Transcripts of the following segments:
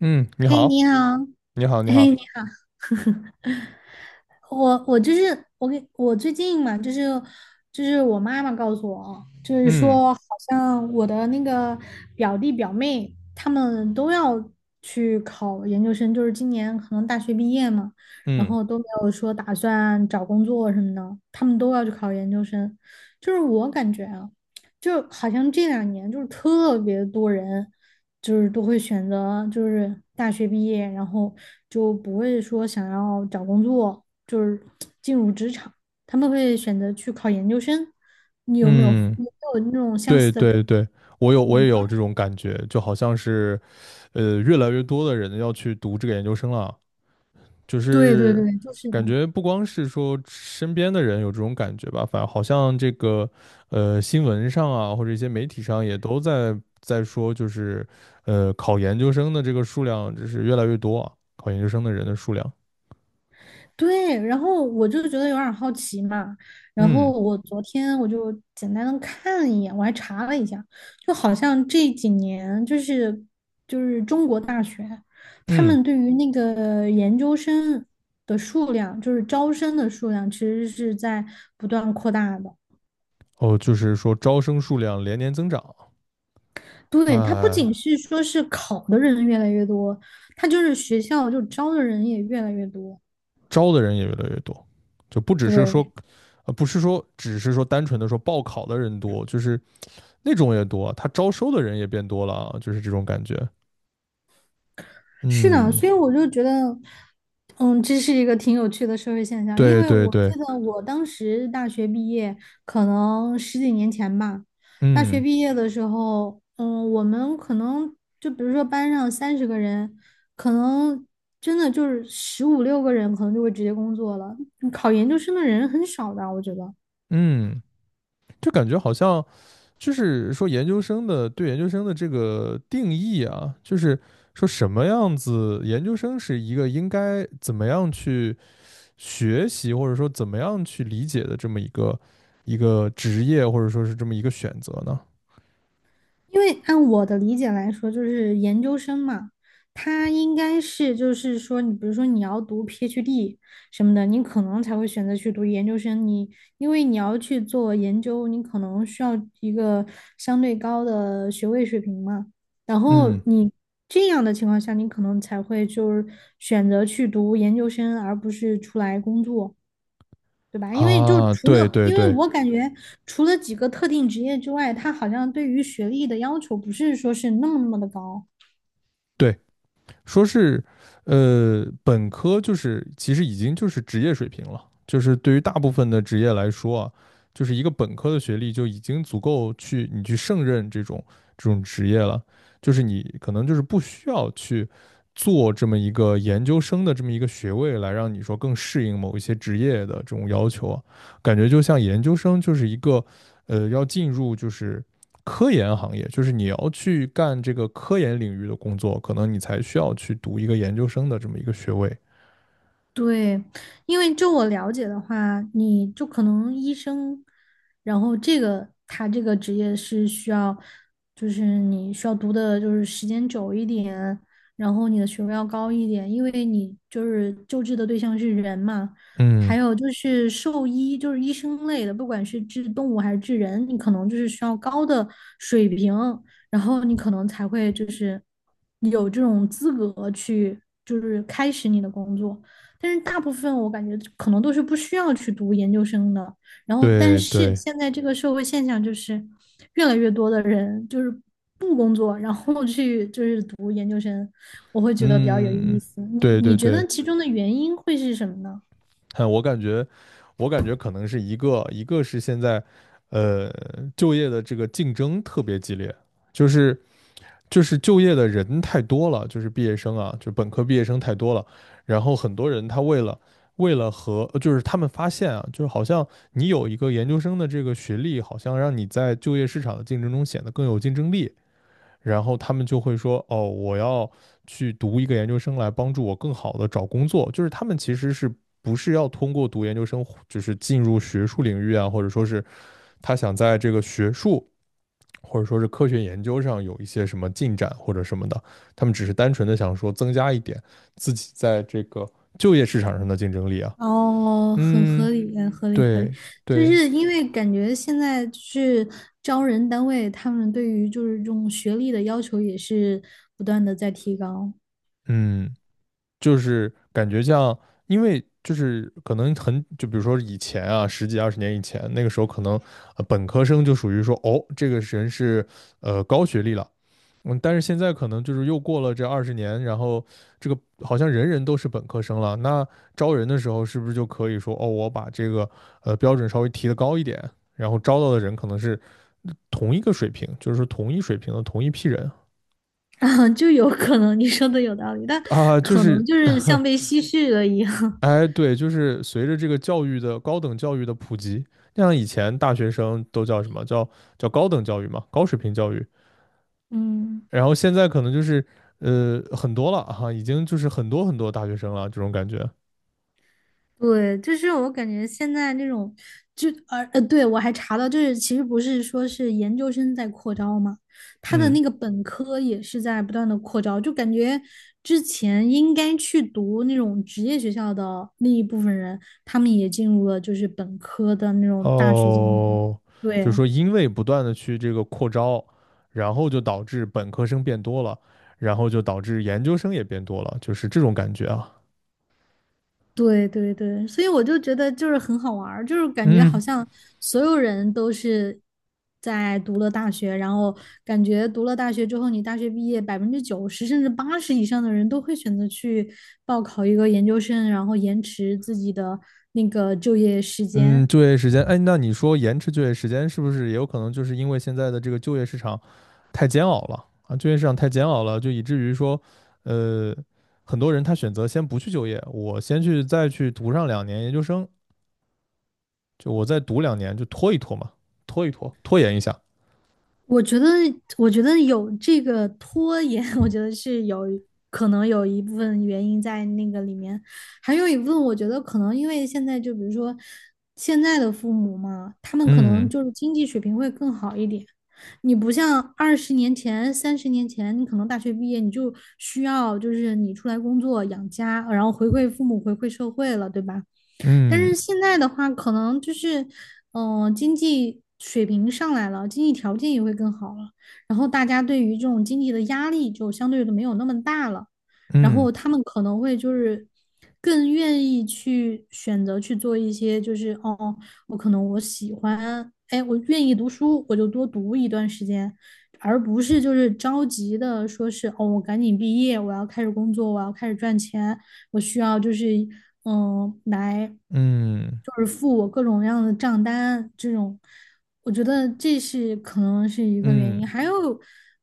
嗯，你嘿，好，你好。你好，你嘿，好，你好。我就是我最近嘛，就是我妈妈告诉我，就是嗯说好像我的那个表弟表妹他们都要去考研究生，就是今年可能大学毕业嘛，然嗯后都没有说打算找工作什么的，他们都要去考研究生，就是我感觉啊。就好像这两年就是特别多人，就是都会选择就是大学毕业，然后就不会说想要找工作，就是 进入职场，他们会选择去考研究生。你有没有嗯，你有没有那种像对对对，这我也种。有这种感觉，就好像是越来越多的人要去读这个研究生了，就对对是对，就是的。感觉不光是说身边的人有这种感觉吧，反正好像这个新闻上啊，或者一些媒体上也都在说，就是考研究生的这个数量就是越来越多啊，考研究生的人的数量，对，然后我就觉得有点儿好奇嘛，然后嗯我昨天我就简单的看了一眼，我还查了一下，就好像这几年就是中国大学，他嗯，们对于那个研究生的数量，就是招生的数量，其实是在不断扩大的。哦，就是说招生数量连年增长。对，它不呃，仅是说是考的人越来越多，它就是学校就招的人也越来越多。招的人也越来越多，就不只是说，对。不是说只是说单纯的说报考的人多，就是那种也多啊，他招收的人也变多了啊，就是这种感觉。是的，嗯，所以我就觉得，这是一个挺有趣的社会现象。因对为对我记对，得我当时大学毕业，可能十几年前吧。大学嗯毕业的时候，我们可能就比如说班上30个人，可能真的就是十五六个人，可能就会直接工作了。考研究生的人很少的，我觉得。嗯，就感觉好像就是说研究生的对研究生的这个定义啊，就是说什么样子研究生是一个应该怎么样去学习，或者说怎么样去理解的这么一个职业，或者说是这么一个选择呢？因为按我的理解来说，就是研究生嘛，他应该是就是说，你比如说你要读 PhD 什么的，你可能才会选择去读研究生。因为你要去做研究，你可能需要一个相对高的学位水平嘛。然后嗯你这样的情况下，你可能才会就是选择去读研究生，而不是出来工作。对吧？啊，对对因为对我感觉除了几个特定职业之外，它好像对于学历的要求不是说是那么那么的高。对，说是本科就是其实已经就是职业水平了，就是对于大部分的职业来说啊，就是一个本科的学历就已经足够去你去胜任这种职业了，就是你可能就是不需要去做这么一个研究生的这么一个学位来让你说更适应某一些职业的这种要求啊，感觉就像研究生就是一个要进入就是，科研行业，就是你要去干这个科研领域的工作，可能你才需要去读一个研究生的这么一个学位。对，因为就我了解的话，你就可能医生，然后这个他这个职业是需要，就是你需要读的就是时间久一点，然后你的学位要高一点，因为你就是救治的对象是人嘛。嗯，还有就是兽医，就是医生类的，不管是治动物还是治人，你可能就是需要高的水平，然后你可能才会就是有这种资格去就是开始你的工作。但是大部分我感觉可能都是不需要去读研究生的。然后，但对是对，现在这个社会现象就是越来越多的人就是不工作，然后去就是读研究生，我会觉得比较有意嗯，思。你对你对觉对，得其中的原因会是什么呢？嗯，我感觉可能是一个是现在，呃，就业的这个竞争特别激烈，就是就是就业的人太多了，就是毕业生啊，就本科毕业生太多了，然后很多人他为了就是他们发现啊，就是好像你有一个研究生的这个学历，好像让你在就业市场的竞争中显得更有竞争力，然后他们就会说哦，我要去读一个研究生来帮助我更好的找工作，就是他们其实是不是要通过读研究生，就是进入学术领域啊，或者说是他想在这个学术或者说是科学研究上有一些什么进展或者什么的，他们只是单纯的想说增加一点自己在这个就业市场上的竞争力啊。哦，很嗯，合理，很合理，合理。对就对，是因为感觉现在就是招人单位，他们对于就是这种学历的要求也是不断的在提高。嗯，就是感觉像，因为就是可能很，就比如说以前啊，十几二十年以前，那个时候可能本科生就属于说，哦，这个人是高学历了，嗯，但是现在可能就是又过了这二十年，然后这个好像人人都是本科生了。那招人的时候，是不是就可以说，哦，我把这个标准稍微提得高一点，然后招到的人可能是同一个水平，就是说同一水平的同一批人啊，就有可能你说的有道理，但啊，就可是，能就是像被 稀释了一样。哎，对，就是随着这个教育的高等教育的普及，像以前大学生都叫什么叫高等教育嘛，高水平教育，嗯，然后现在可能就是很多了哈，已经就是很多很多大学生了这种感觉。对，就是我感觉现在那种，就对，我还查到，就是其实不是说是研究生在扩招嘛，他的嗯，那个本科也是在不断的扩招，就感觉之前应该去读那种职业学校的那一部分人，他们也进入了就是本科的那种大学进行。哦，就是对。说因为不断的去这个扩招，然后就导致本科生变多了，然后就导致研究生也变多了，就是这种感觉啊。对对对，所以我就觉得就是很好玩儿，就是感觉好嗯像所有人都是在读了大学，然后感觉读了大学之后，你大学毕业90%甚至80%以上的人都会选择去报考一个研究生，然后延迟自己的那个就业时嗯，间。就业时间，哎，那你说延迟就业时间是不是也有可能就是因为现在的这个就业市场太煎熬了啊，就业市场太煎熬了，就以至于说，呃，很多人他选择先不去就业，我先去再去读上两年研究生，就我再读两年，就拖一拖嘛，拖一拖，拖延一下。我觉得，我觉得有这个拖延，我觉得是有可能有一部分原因在那个里面，还有一部分我觉得可能因为现在就比如说现在的父母嘛，他们可能嗯就是经济水平会更好一点。你不像20年前、30年前，你可能大学毕业你就需要就是你出来工作养家，然后回馈父母、回馈社会了，对吧？但嗯是现在的话，可能就是，经济水平上来了，经济条件也会更好了，然后大家对于这种经济的压力就相对的没有那么大了，然嗯后他们可能会就是更愿意去选择去做一些，就是哦，我可能我喜欢，哎，我愿意读书，我就多读一段时间。而不是就是着急的说是哦，我赶紧毕业，我要开始工作，我要开始赚钱，我需要就是来嗯就是付我各种各样的账单这种，我觉得这是可能是一个原嗯因。还有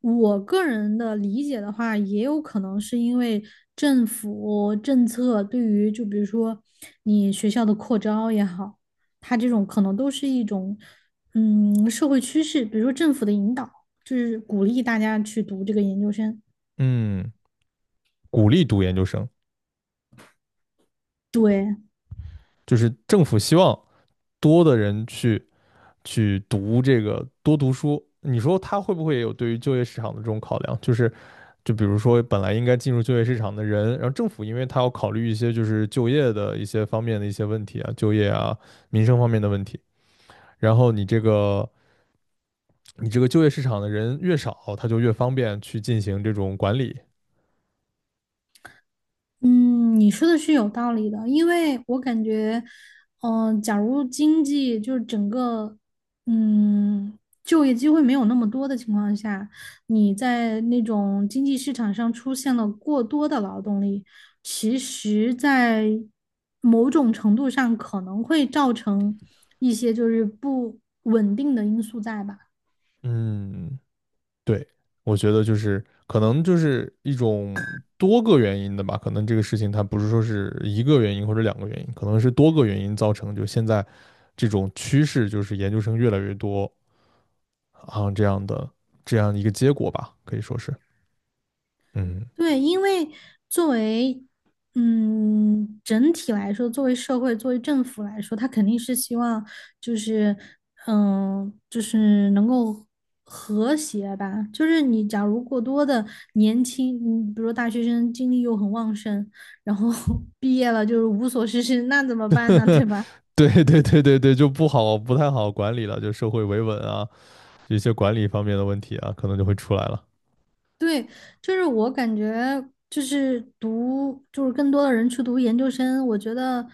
我个人的理解的话，也有可能是因为政府政策对于就比如说你学校的扩招也好，它这种可能都是一种社会趋势，比如说政府的引导。就是鼓励大家去读这个研究生。嗯，鼓励读研究生，就是政府希望多的人去读这个多读书，你说他会不会也有对于就业市场的这种考量？就是比如说本来应该进入就业市场的人，然后政府因为他要考虑一些就是就业的一些方面的一些问题啊，就业啊、民生方面的问题，然后你这个就业市场的人越少，他就越方便去进行这种管理。嗯，你说的是有道理的，因为我感觉，假如经济就是整个，嗯，就业机会没有那么多的情况下，你在那种经济市场上出现了过多的劳动力，其实，在某种程度上可能会造成一些就是不稳定的因素在吧。嗯，对，我觉得就是可能就是一种多个原因的吧，可能这个事情它不是说是一个原因或者两个原因，可能是多个原因造成，就现在这种趋势就是研究生越来越多啊这样一个结果吧，可以说是，嗯，对，因为作为整体来说，作为社会、作为政府来说，他肯定是希望就是就是能够和谐吧。就是你假如过多的年轻，比如说大学生精力又很旺盛，然后 毕业了就是无所事事，那怎么办呢？对吧？对对对对对，就不太好管理了，就社会维稳啊，一些管理方面的问题啊，可能就会出来了，对，就是我感觉，就是读，就是更多的人去读研究生，我觉得，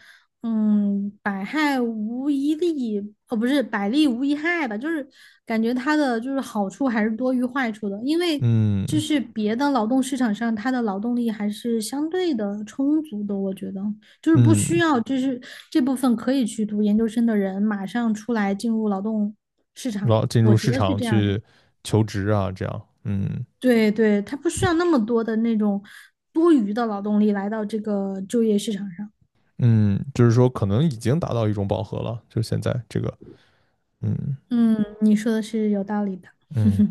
百害无一利，哦，不是百利无一害吧，就是感觉它的就是好处还是多于坏处的，因为就嗯是别的劳动市场上，它的劳动力还是相对的充足的，我觉得就是不需嗯，要，就是这部分可以去读研究生的人马上出来进入劳动市然场，后进入我觉市得是场这样的。去求职啊，这样，嗯。对对，他不需要那么多的那种多余的劳动力来到这个就业市场上。嗯，就是说可能已经达到一种饱和了，就现在这个，嗯嗯，你说的是有道理的。嗯，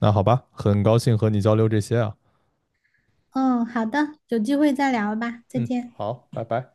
那好吧，很高兴和你交流这些啊，嗯，好的，有机会再聊吧，再嗯，见。好，拜拜。